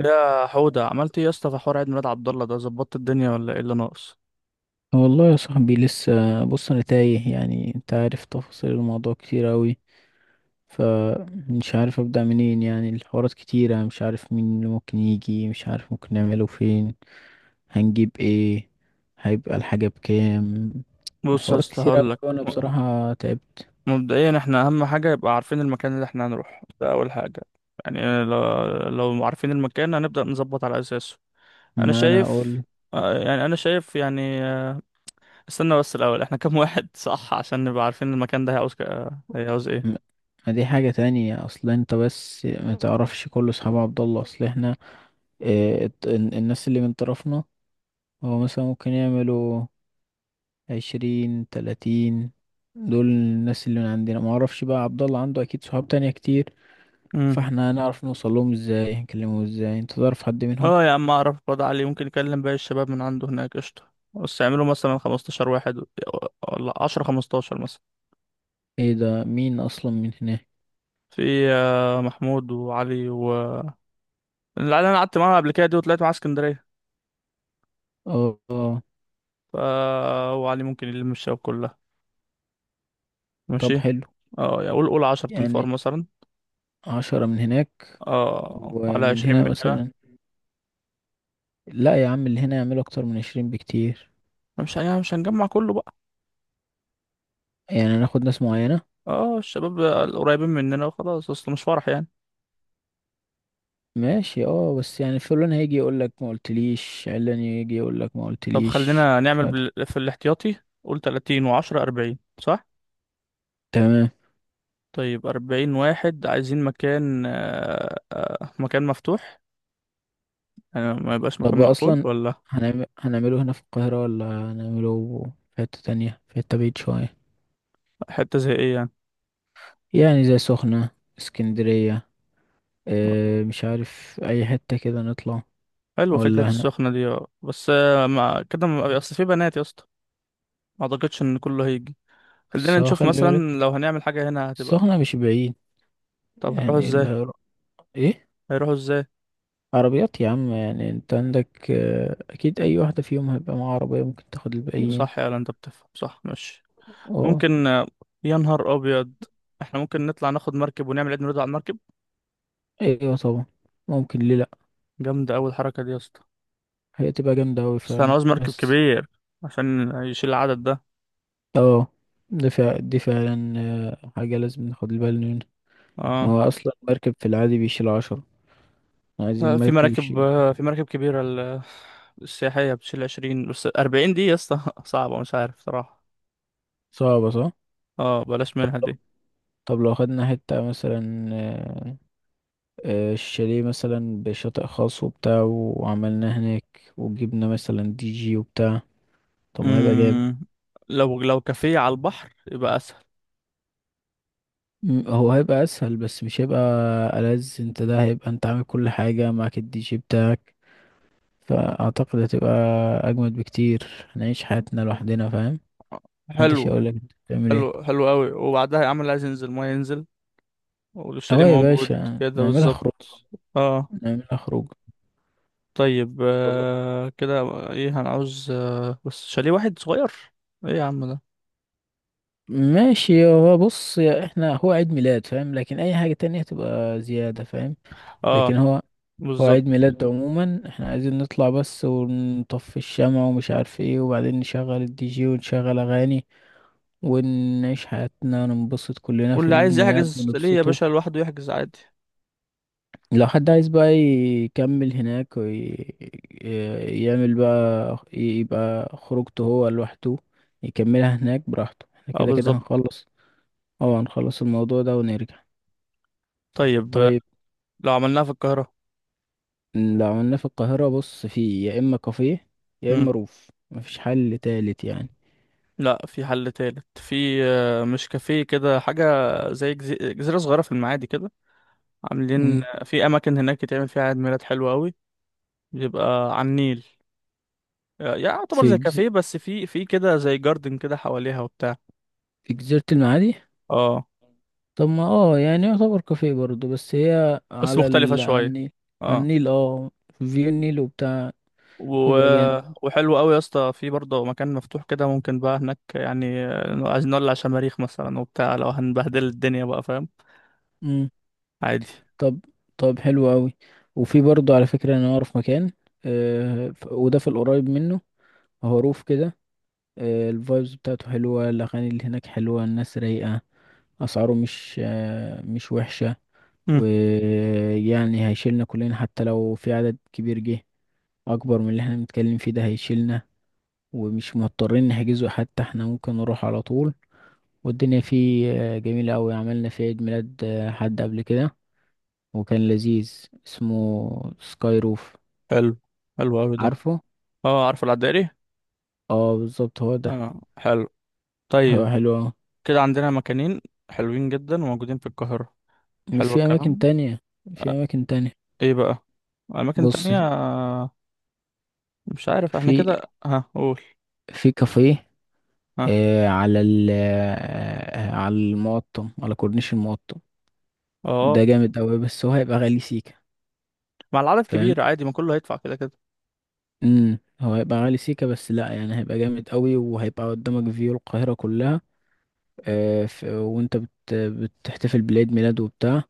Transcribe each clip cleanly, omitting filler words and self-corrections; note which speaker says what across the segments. Speaker 1: يا حودة، عملت ايه يا اسطى في حوار عيد ميلاد عبد الله ده؟ ظبطت الدنيا ولا ايه اللي ناقص؟
Speaker 2: والله يا صاحبي لسه. بص، انا تايه، يعني انت عارف تفاصيل الموضوع كتير اوي، فمش عارف ابدأ منين. يعني الحوارات كتيرة، مش عارف مين اللي ممكن يجي، مش عارف ممكن نعمله فين، هنجيب ايه، هيبقى الحاجة بكام.
Speaker 1: بص يا
Speaker 2: الحوارات
Speaker 1: اسطى،
Speaker 2: كتيرة
Speaker 1: هقول لك.
Speaker 2: اوي وانا بصراحة تعبت.
Speaker 1: مبدئيا احنا اهم حاجه يبقى عارفين المكان اللي احنا هنروح ده، اول حاجه. يعني لو عارفين المكان هنبدا نظبط على اساسه. انا
Speaker 2: ما انا
Speaker 1: شايف.
Speaker 2: اقول.
Speaker 1: يعني انا شايف يعني. استنى بس الاول، احنا كام واحد؟ صح، عشان نبقى عارفين المكان ده هيعوز هيعوز ايه؟
Speaker 2: م- ما دي حاجة تانية اصلا، انت بس ما تعرفش كل اصحاب عبد الله، اصل احنا اه الناس اللي من طرفنا هو مثلا ممكن يعملوا 20 30، دول الناس اللي من عندنا. ما اعرفش بقى، عبد الله عنده اكيد صحاب تانية كتير،
Speaker 1: امم.
Speaker 2: فاحنا هنعرف نوصل لهم ازاي؟ هنكلمهم ازاي؟ انت تعرف حد منهم؟
Speaker 1: اه يا عم، اعرف الواد علي ممكن يكلم باقي الشباب من عنده هناك. قشطه، بس يعملوا مثلا 15 واحد، ولا 10 15 مثلا.
Speaker 2: ايه ده؟ مين اصلا من هناك؟
Speaker 1: في محمود وعلي و اللي انا قعدت معاها قبل كده دي وطلعت معاها اسكندريه.
Speaker 2: اه آه.
Speaker 1: ف وعلي ممكن يلم الشباب كلها.
Speaker 2: طب
Speaker 1: ماشي.
Speaker 2: حلو.
Speaker 1: اه يعني قول 10
Speaker 2: يعني
Speaker 1: تنفار مثلا،
Speaker 2: 10 من هناك
Speaker 1: اه، على
Speaker 2: ومن
Speaker 1: 20
Speaker 2: هنا
Speaker 1: مننا.
Speaker 2: مثلا. لا يا عم، اللي هنا يعملوا اكتر من 20 بكتير.
Speaker 1: مش يعني، مش هنجمع كله بقى.
Speaker 2: يعني هناخد ناس معينة.
Speaker 1: اه، الشباب القريبين مننا وخلاص، اصل مش فرح يعني.
Speaker 2: ماشي، اه، بس يعني فلان هيجي يقولك ما قلتليش، علان يجي يقولك ما
Speaker 1: طب
Speaker 2: قلتليش،
Speaker 1: خلينا
Speaker 2: مش
Speaker 1: نعمل
Speaker 2: عارف.
Speaker 1: في الاحتياطي. قول 30 و10، 40 صح؟
Speaker 2: تمام.
Speaker 1: طيب، 40 واحد. عايزين مكان، مكان مفتوح. يعني ما يبقاش
Speaker 2: طب
Speaker 1: مكان
Speaker 2: هو
Speaker 1: مقفول
Speaker 2: اصلا
Speaker 1: ولا؟
Speaker 2: هنعمله هنا في القاهرة، ولا هنعمله في حتة تانية، في حتة بعيد شوية؟
Speaker 1: حتة زي ايه يعني؟
Speaker 2: يعني زي سخنة، اسكندرية. اه مش عارف، اي حتة كده نطلع
Speaker 1: حلوة فكرة
Speaker 2: ولا هنا.
Speaker 1: السخنة دي. اه بس، مع كده أصل في بنات يا اسطى. ما أعتقدش إن كله هيجي. خلينا
Speaker 2: بس هو
Speaker 1: نشوف
Speaker 2: خلي بالك،
Speaker 1: مثلا. لو هنعمل حاجة هنا هتبقى.
Speaker 2: السخنة مش بعيد.
Speaker 1: طب هنروحوا
Speaker 2: يعني
Speaker 1: ازاي؟
Speaker 2: ايه؟
Speaker 1: هيروحوا ازاي؟
Speaker 2: عربيات يا عم، يعني انت عندك اه اكيد اي واحدة فيهم هيبقى معاها عربية، ممكن تاخد الباقيين.
Speaker 1: صح، يا أنت بتفهم. صح، ماشي.
Speaker 2: اه.
Speaker 1: ممكن. يا نهار أبيض! احنا ممكن نطلع ناخد مركب ونعمل عيد ميلاد على المركب.
Speaker 2: ايوه طبعا، ممكن ليه لأ.
Speaker 1: جامدة أوي الحركة دي يا اسطى.
Speaker 2: هي تبقى جامدة اوي
Speaker 1: بس أنا
Speaker 2: فعلا،
Speaker 1: عاوز مركب
Speaker 2: بس
Speaker 1: كبير عشان يشيل العدد ده.
Speaker 2: اه ده فع دي فعلا حاجة لازم ناخد بالنا منها. ان
Speaker 1: اه،
Speaker 2: هو اصلا مركب في العادي بيشيل 10، عايزين
Speaker 1: في
Speaker 2: مركب
Speaker 1: مراكب،
Speaker 2: يشيل.
Speaker 1: في مراكب كبيرة، السياحية بتشيل 20، بس 40 دي يا اسطى صعبة، مش عارف صراحة.
Speaker 2: صعبة صح؟
Speaker 1: اه، بلاش
Speaker 2: طب
Speaker 1: منها دي.
Speaker 2: طب لو خدنا حتة مثلا الشاليه مثلا بشاطئ خاص وبتاع، وعملناه هناك وجبنا مثلا دي جي وبتاع. طب ما هيبقى جامد.
Speaker 1: امم لو كافيه على البحر يبقى اسهل.
Speaker 2: هو هيبقى اسهل بس مش هيبقى ألذ. انت ده هيبقى انت عامل كل حاجة معاك، الدي جي بتاعك، فاعتقد هتبقى اجمد بكتير. هنعيش حياتنا لوحدنا، فاهم؟ محدش
Speaker 1: حلو،
Speaker 2: يقول لك انت بتعمل
Speaker 1: حلو،
Speaker 2: ايه.
Speaker 1: حلو قوي، وبعدها يا عم اللي عايز ينزل ما ينزل. والشاليه
Speaker 2: اه يا
Speaker 1: موجود.
Speaker 2: باشا،
Speaker 1: كده
Speaker 2: نعملها خروج.
Speaker 1: بالظبط. اه.
Speaker 2: نعملها خروج.
Speaker 1: طيب.
Speaker 2: والله.
Speaker 1: كده. ايه هنعوز؟ بس شاليه واحد صغير. ايه يا عم ده.
Speaker 2: ماشي. هو بص يا، احنا هو عيد ميلاد فاهم، لكن اي حاجة تانية تبقى زيادة فاهم. لكن
Speaker 1: اه.
Speaker 2: هو، هو
Speaker 1: بالظبط.
Speaker 2: عيد ميلاد عموما، احنا عايزين نطلع بس ونطفي الشمع ومش عارف ايه، وبعدين نشغل الدي جي ونشغل اغاني، ونعيش حياتنا وننبسط كلنا في
Speaker 1: واللي
Speaker 2: عيد
Speaker 1: عايز
Speaker 2: ميلاد
Speaker 1: يحجز شاليه يا
Speaker 2: ونبسطه.
Speaker 1: باشا لوحده يحجز عادي.
Speaker 2: لو حد عايز بقى يكمل هناك ويعمل بقى، يبقى خروجته هو لوحده، يكملها هناك براحته. احنا
Speaker 1: اه
Speaker 2: كده كده
Speaker 1: بالظبط.
Speaker 2: هنخلص، اه هنخلص الموضوع ده ونرجع.
Speaker 1: طيب.
Speaker 2: طيب.
Speaker 1: لو عملناها في القاهرة.
Speaker 2: لو عملناه في القاهرة، بص، في يا اما كافيه يا
Speaker 1: مم.
Speaker 2: اما روف، مفيش حل تالت يعني.
Speaker 1: لا، في حل تالت. في مش كافيه كده حاجة، زي جزيرة صغيرة في المعادي كده. عاملين
Speaker 2: مم.
Speaker 1: في اماكن هناك يتعمل فيها عيد ميلاد حلو قوي. بيبقى على النيل. يعني يعتبر
Speaker 2: في
Speaker 1: زي كافيه، بس في كده زي جاردن كده حواليها وبتاع.
Speaker 2: في جزيرة المعادي.
Speaker 1: اه
Speaker 2: طب ما اه، يعني يعتبر كافيه برضه، بس هي
Speaker 1: بس مختلفة
Speaker 2: عن
Speaker 1: شوية.
Speaker 2: النيل. على
Speaker 1: اه.
Speaker 2: النيل اه، فيو النيل وبتاع،
Speaker 1: و...
Speaker 2: بيبقى
Speaker 1: وحلو قوي يا اسطى. في برضه مكان مفتوح كده ممكن بقى هناك، يعني عايزين نولع شماريخ مثلا وبتاع، لو هنبهدل الدنيا بقى، فاهم؟
Speaker 2: جامد.
Speaker 1: عادي.
Speaker 2: طب. طب حلو قوي. وفي برضه على فكرة، انا اعرف مكان، وده في القريب منه، هروف كده. آه الفايبز بتاعته حلوة، الاغاني اللي هناك حلوة، الناس رايقة، اسعاره مش وحشة.
Speaker 1: مم.
Speaker 2: ويعني هيشيلنا كلنا حتى لو في عدد كبير جه اكبر من اللي احنا بنتكلم فيه ده، هيشيلنا. ومش مضطرين نحجزه حتى، احنا ممكن نروح على طول. والدنيا فيه جميلة قوي، عملنا فيه عيد ميلاد حد قبل كده وكان لذيذ. اسمه سكاي روف.
Speaker 1: حلو، حلو قوي ده.
Speaker 2: عارفه؟
Speaker 1: اه، عارف العدائري.
Speaker 2: اه بالظبط، هو ده.
Speaker 1: اه حلو.
Speaker 2: هو
Speaker 1: طيب.
Speaker 2: حلو أوي.
Speaker 1: كده عندنا مكانين حلوين جدا وموجودين في القاهرة. حلو
Speaker 2: وفي اماكن
Speaker 1: الكلام.
Speaker 2: تانية. في
Speaker 1: آه،
Speaker 2: اماكن تانية.
Speaker 1: ايه بقى؟ اماكن
Speaker 2: بص،
Speaker 1: تانية؟ مش عارف احنا
Speaker 2: في
Speaker 1: كده. ها قول.
Speaker 2: في كافيه
Speaker 1: ها.
Speaker 2: آه على ال آه على المقطم، على كورنيش المقطم. ده
Speaker 1: اه،
Speaker 2: جامد قوي بس هو هيبقى غالي سيكا،
Speaker 1: مع العدد كبير
Speaker 2: فاهم؟
Speaker 1: عادي، ما كله هيدفع كده كده.
Speaker 2: امم، هو هيبقى غالي سيكا بس لا، يعني هيبقى جامد قوي، وهيبقى قدامك فيو القاهرة كلها وانت بتحتفل بعيد ميلاد وبتاع.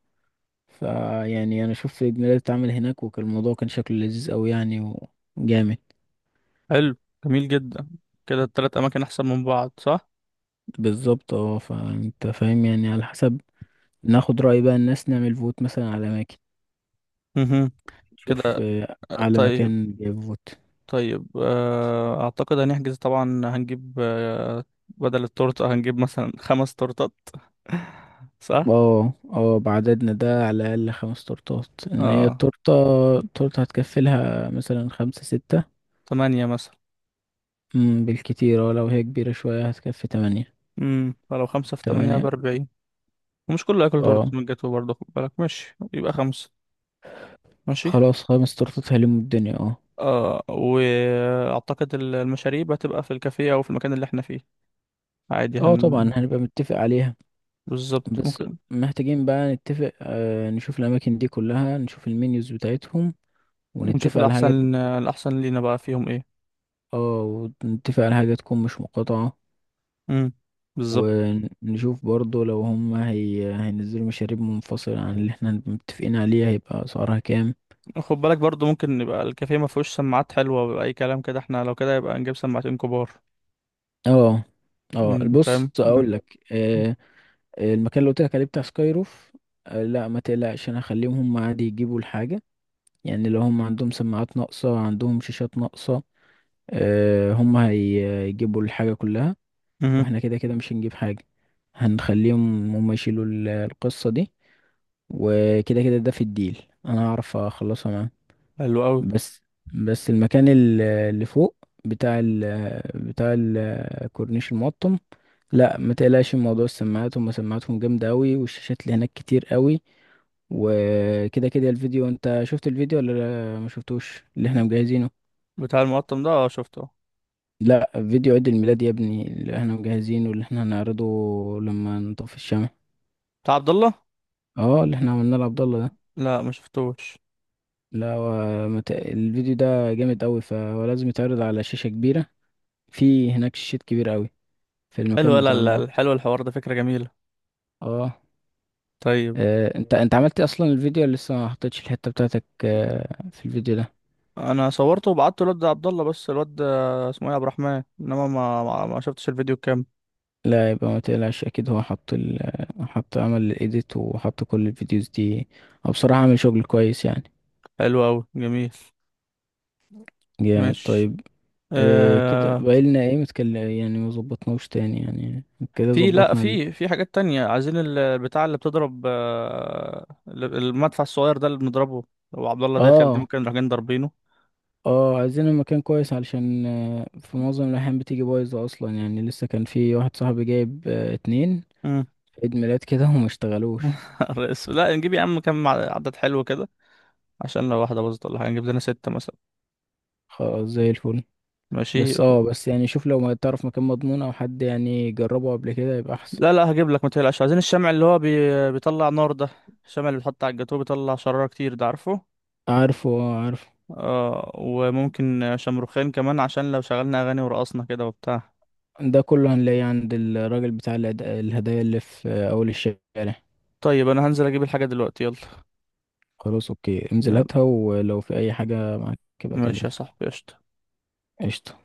Speaker 2: فيعني انا شفت عيد ميلاد اتعمل هناك وكان الموضوع، كان شكله لذيذ قوي يعني وجامد.
Speaker 1: حلو. جميل جدا. كده التلات اماكن احسن من بعض، صح؟
Speaker 2: بالظبط. اه فانت فاهم، يعني على حسب. ناخد رأي بقى الناس، نعمل فوت مثلا على اماكن،
Speaker 1: مهم.
Speaker 2: نشوف
Speaker 1: كده.
Speaker 2: على
Speaker 1: طيب.
Speaker 2: مكان جايب فوت.
Speaker 1: طيب. اعتقد هنحجز طبعا. هنجيب بدل التورتة هنجيب مثلا خمس تورتات. صح؟
Speaker 2: اه. اه، بعددنا ده على الاقل 5 تورتات، ان هي
Speaker 1: اه.
Speaker 2: التورته، التورته هتكفي لها مثلا 5 6.
Speaker 1: تمانية مثلا.
Speaker 2: بالكتير، اه لو هي كبيره شويه هتكفي 8.
Speaker 1: فلو خمسة في تمانية
Speaker 2: تمانية.
Speaker 1: ب40. ومش كله هياكل تورتة
Speaker 2: اه.
Speaker 1: من الجاتو برضه، خد بالك. ماشي، يبقى خمسة. ماشي.
Speaker 2: خلاص، 5 تورتات هيلموا الدنيا. اه.
Speaker 1: اه، واعتقد المشاريب هتبقى في الكافيه او في المكان اللي احنا فيه. عادي.
Speaker 2: اه طبعا، هنبقى متفق عليها.
Speaker 1: بالظبط،
Speaker 2: بس
Speaker 1: ممكن.
Speaker 2: محتاجين بقى نتفق، نشوف الأماكن دي كلها، نشوف المنيوز بتاعتهم
Speaker 1: نشوف
Speaker 2: ونتفق على حاجة.
Speaker 1: الاحسن لينا بقى فيهم ايه.
Speaker 2: اه، ونتفق على حاجة تكون مش مقاطعة.
Speaker 1: امم. بالظبط.
Speaker 2: ونشوف برضو لو هم هينزلوا مشاريب منفصلة عن اللي احنا هنبقى متفقين عليها، هيبقى أسعارها كام.
Speaker 1: خد بالك برضو، ممكن يبقى الكافيه ما فيهوش سماعات حلوه ولا اي كلام كده، احنا لو كده يبقى نجيب سماعتين كبار.
Speaker 2: اه. اه
Speaker 1: انت
Speaker 2: بص
Speaker 1: فاهم. مم.
Speaker 2: اقول لك، المكان اللي قلت لك عليه بتاع سكاي روف، لا ما تقلقش، انا هخليهم هم عادي يجيبوا الحاجة. يعني لو هم عندهم سماعات ناقصة، عندهم شاشات ناقصة، هم هيجيبوا الحاجة كلها.
Speaker 1: مم.
Speaker 2: واحنا كده كده مش هنجيب حاجة، هنخليهم هم يشيلوا القصة دي. وكده كده ده في الديل انا هعرف اخلصها معاهم.
Speaker 1: حلو قوي.
Speaker 2: بس. بس المكان اللي فوق، بتاع ال بتاع الكورنيش المقطم، لا ما تقلقش من موضوع السماعات، هم سماعاتهم جامدة قوي، والشاشات اللي هناك كتير قوي. وكده كده الفيديو، انت شفت الفيديو ولا ما شفتوش اللي احنا مجهزينه؟
Speaker 1: بتاع المقطم ده، اه شفته.
Speaker 2: لا، فيديو عيد الميلاد يا ابني، اللي احنا مجهزينه واللي احنا هنعرضه لما نطفي الشمع.
Speaker 1: بتاع عبد الله؟
Speaker 2: اه، اللي احنا عملناه لعبد الله ده.
Speaker 1: لا، ما شفتوش.
Speaker 2: لا هو الفيديو ده جامد قوي، فهو لازم يتعرض على شاشة كبيرة. في هناك شاشات كبيرة قوي في
Speaker 1: حلو.
Speaker 2: المكان
Speaker 1: لا
Speaker 2: بتاع
Speaker 1: لا لا، حلو الحوار ده، فكره جميله.
Speaker 2: اه.
Speaker 1: طيب.
Speaker 2: انت، انت عملت اصلا الفيديو، ولا لسه ما حطيتش الحتة بتاعتك في الفيديو ده؟
Speaker 1: انا صورته وبعته الواد ده عبد الله، بس الواد ده اسمه ايه، عبد الرحمن. انما ما شفتش الفيديو كام.
Speaker 2: لا يبقى ما تقلقش، اكيد هو حط عمل الايديت وحط كل الفيديوز دي. او بصراحة عامل شغل كويس يعني.
Speaker 1: حلو قوي جميل.
Speaker 2: جامد.
Speaker 1: ماشي.
Speaker 2: طيب. إيه كده
Speaker 1: آه
Speaker 2: بقالنا ايه متكلم يعني، ما ظبطناوش تاني يعني. كده
Speaker 1: في... لا،
Speaker 2: ظبطنا
Speaker 1: في حاجات تانية. عايزين البتاع اللي بتضرب، المدفع الصغير ده اللي بنضربه وعبد الله داخل دي،
Speaker 2: اه.
Speaker 1: ممكن نروح جايين ضاربينه.
Speaker 2: اه عايزين المكان كويس، علشان في معظم الأحيان بتيجي بايظة أصلا. يعني لسه كان في واحد صاحبي جايب 2
Speaker 1: مم.
Speaker 2: عيد ميلاد كده وما اشتغلوش.
Speaker 1: الرئيس! لا، نجيب يا عم كام عدد حلو كده، عشان لو واحدة باظت ولا حاجة، نجيب لنا ستة مثلا.
Speaker 2: خلاص، زي الفل.
Speaker 1: ماشي.
Speaker 2: بس اه، بس يعني شوف لو ما تعرف مكان مضمون أو حد يعني جربه قبل كده يبقى أحسن.
Speaker 1: لا لا، هجيب لك ما تقلقش. عايزين الشمع اللي هو بيطلع نار ده، الشمع اللي بيتحط على الجاتوه بيطلع شرارة كتير ده، عارفه؟
Speaker 2: عارفه اه، عارفه.
Speaker 1: وممكن شمروخين كمان، عشان لو شغلنا اغاني ورقصنا كده وبتاع.
Speaker 2: ده كله هنلاقيه عند الراجل بتاع الهدايا اللي في أول الشارع.
Speaker 1: طيب انا هنزل اجيب الحاجة دلوقتي، يلا.
Speaker 2: خلاص اوكي، انزل
Speaker 1: يلا.
Speaker 2: هاتها، ولو في اي حاجة معاك يبقى
Speaker 1: ماشي يا
Speaker 2: كلمني.
Speaker 1: صاحبي، قشطة.
Speaker 2: قشطة.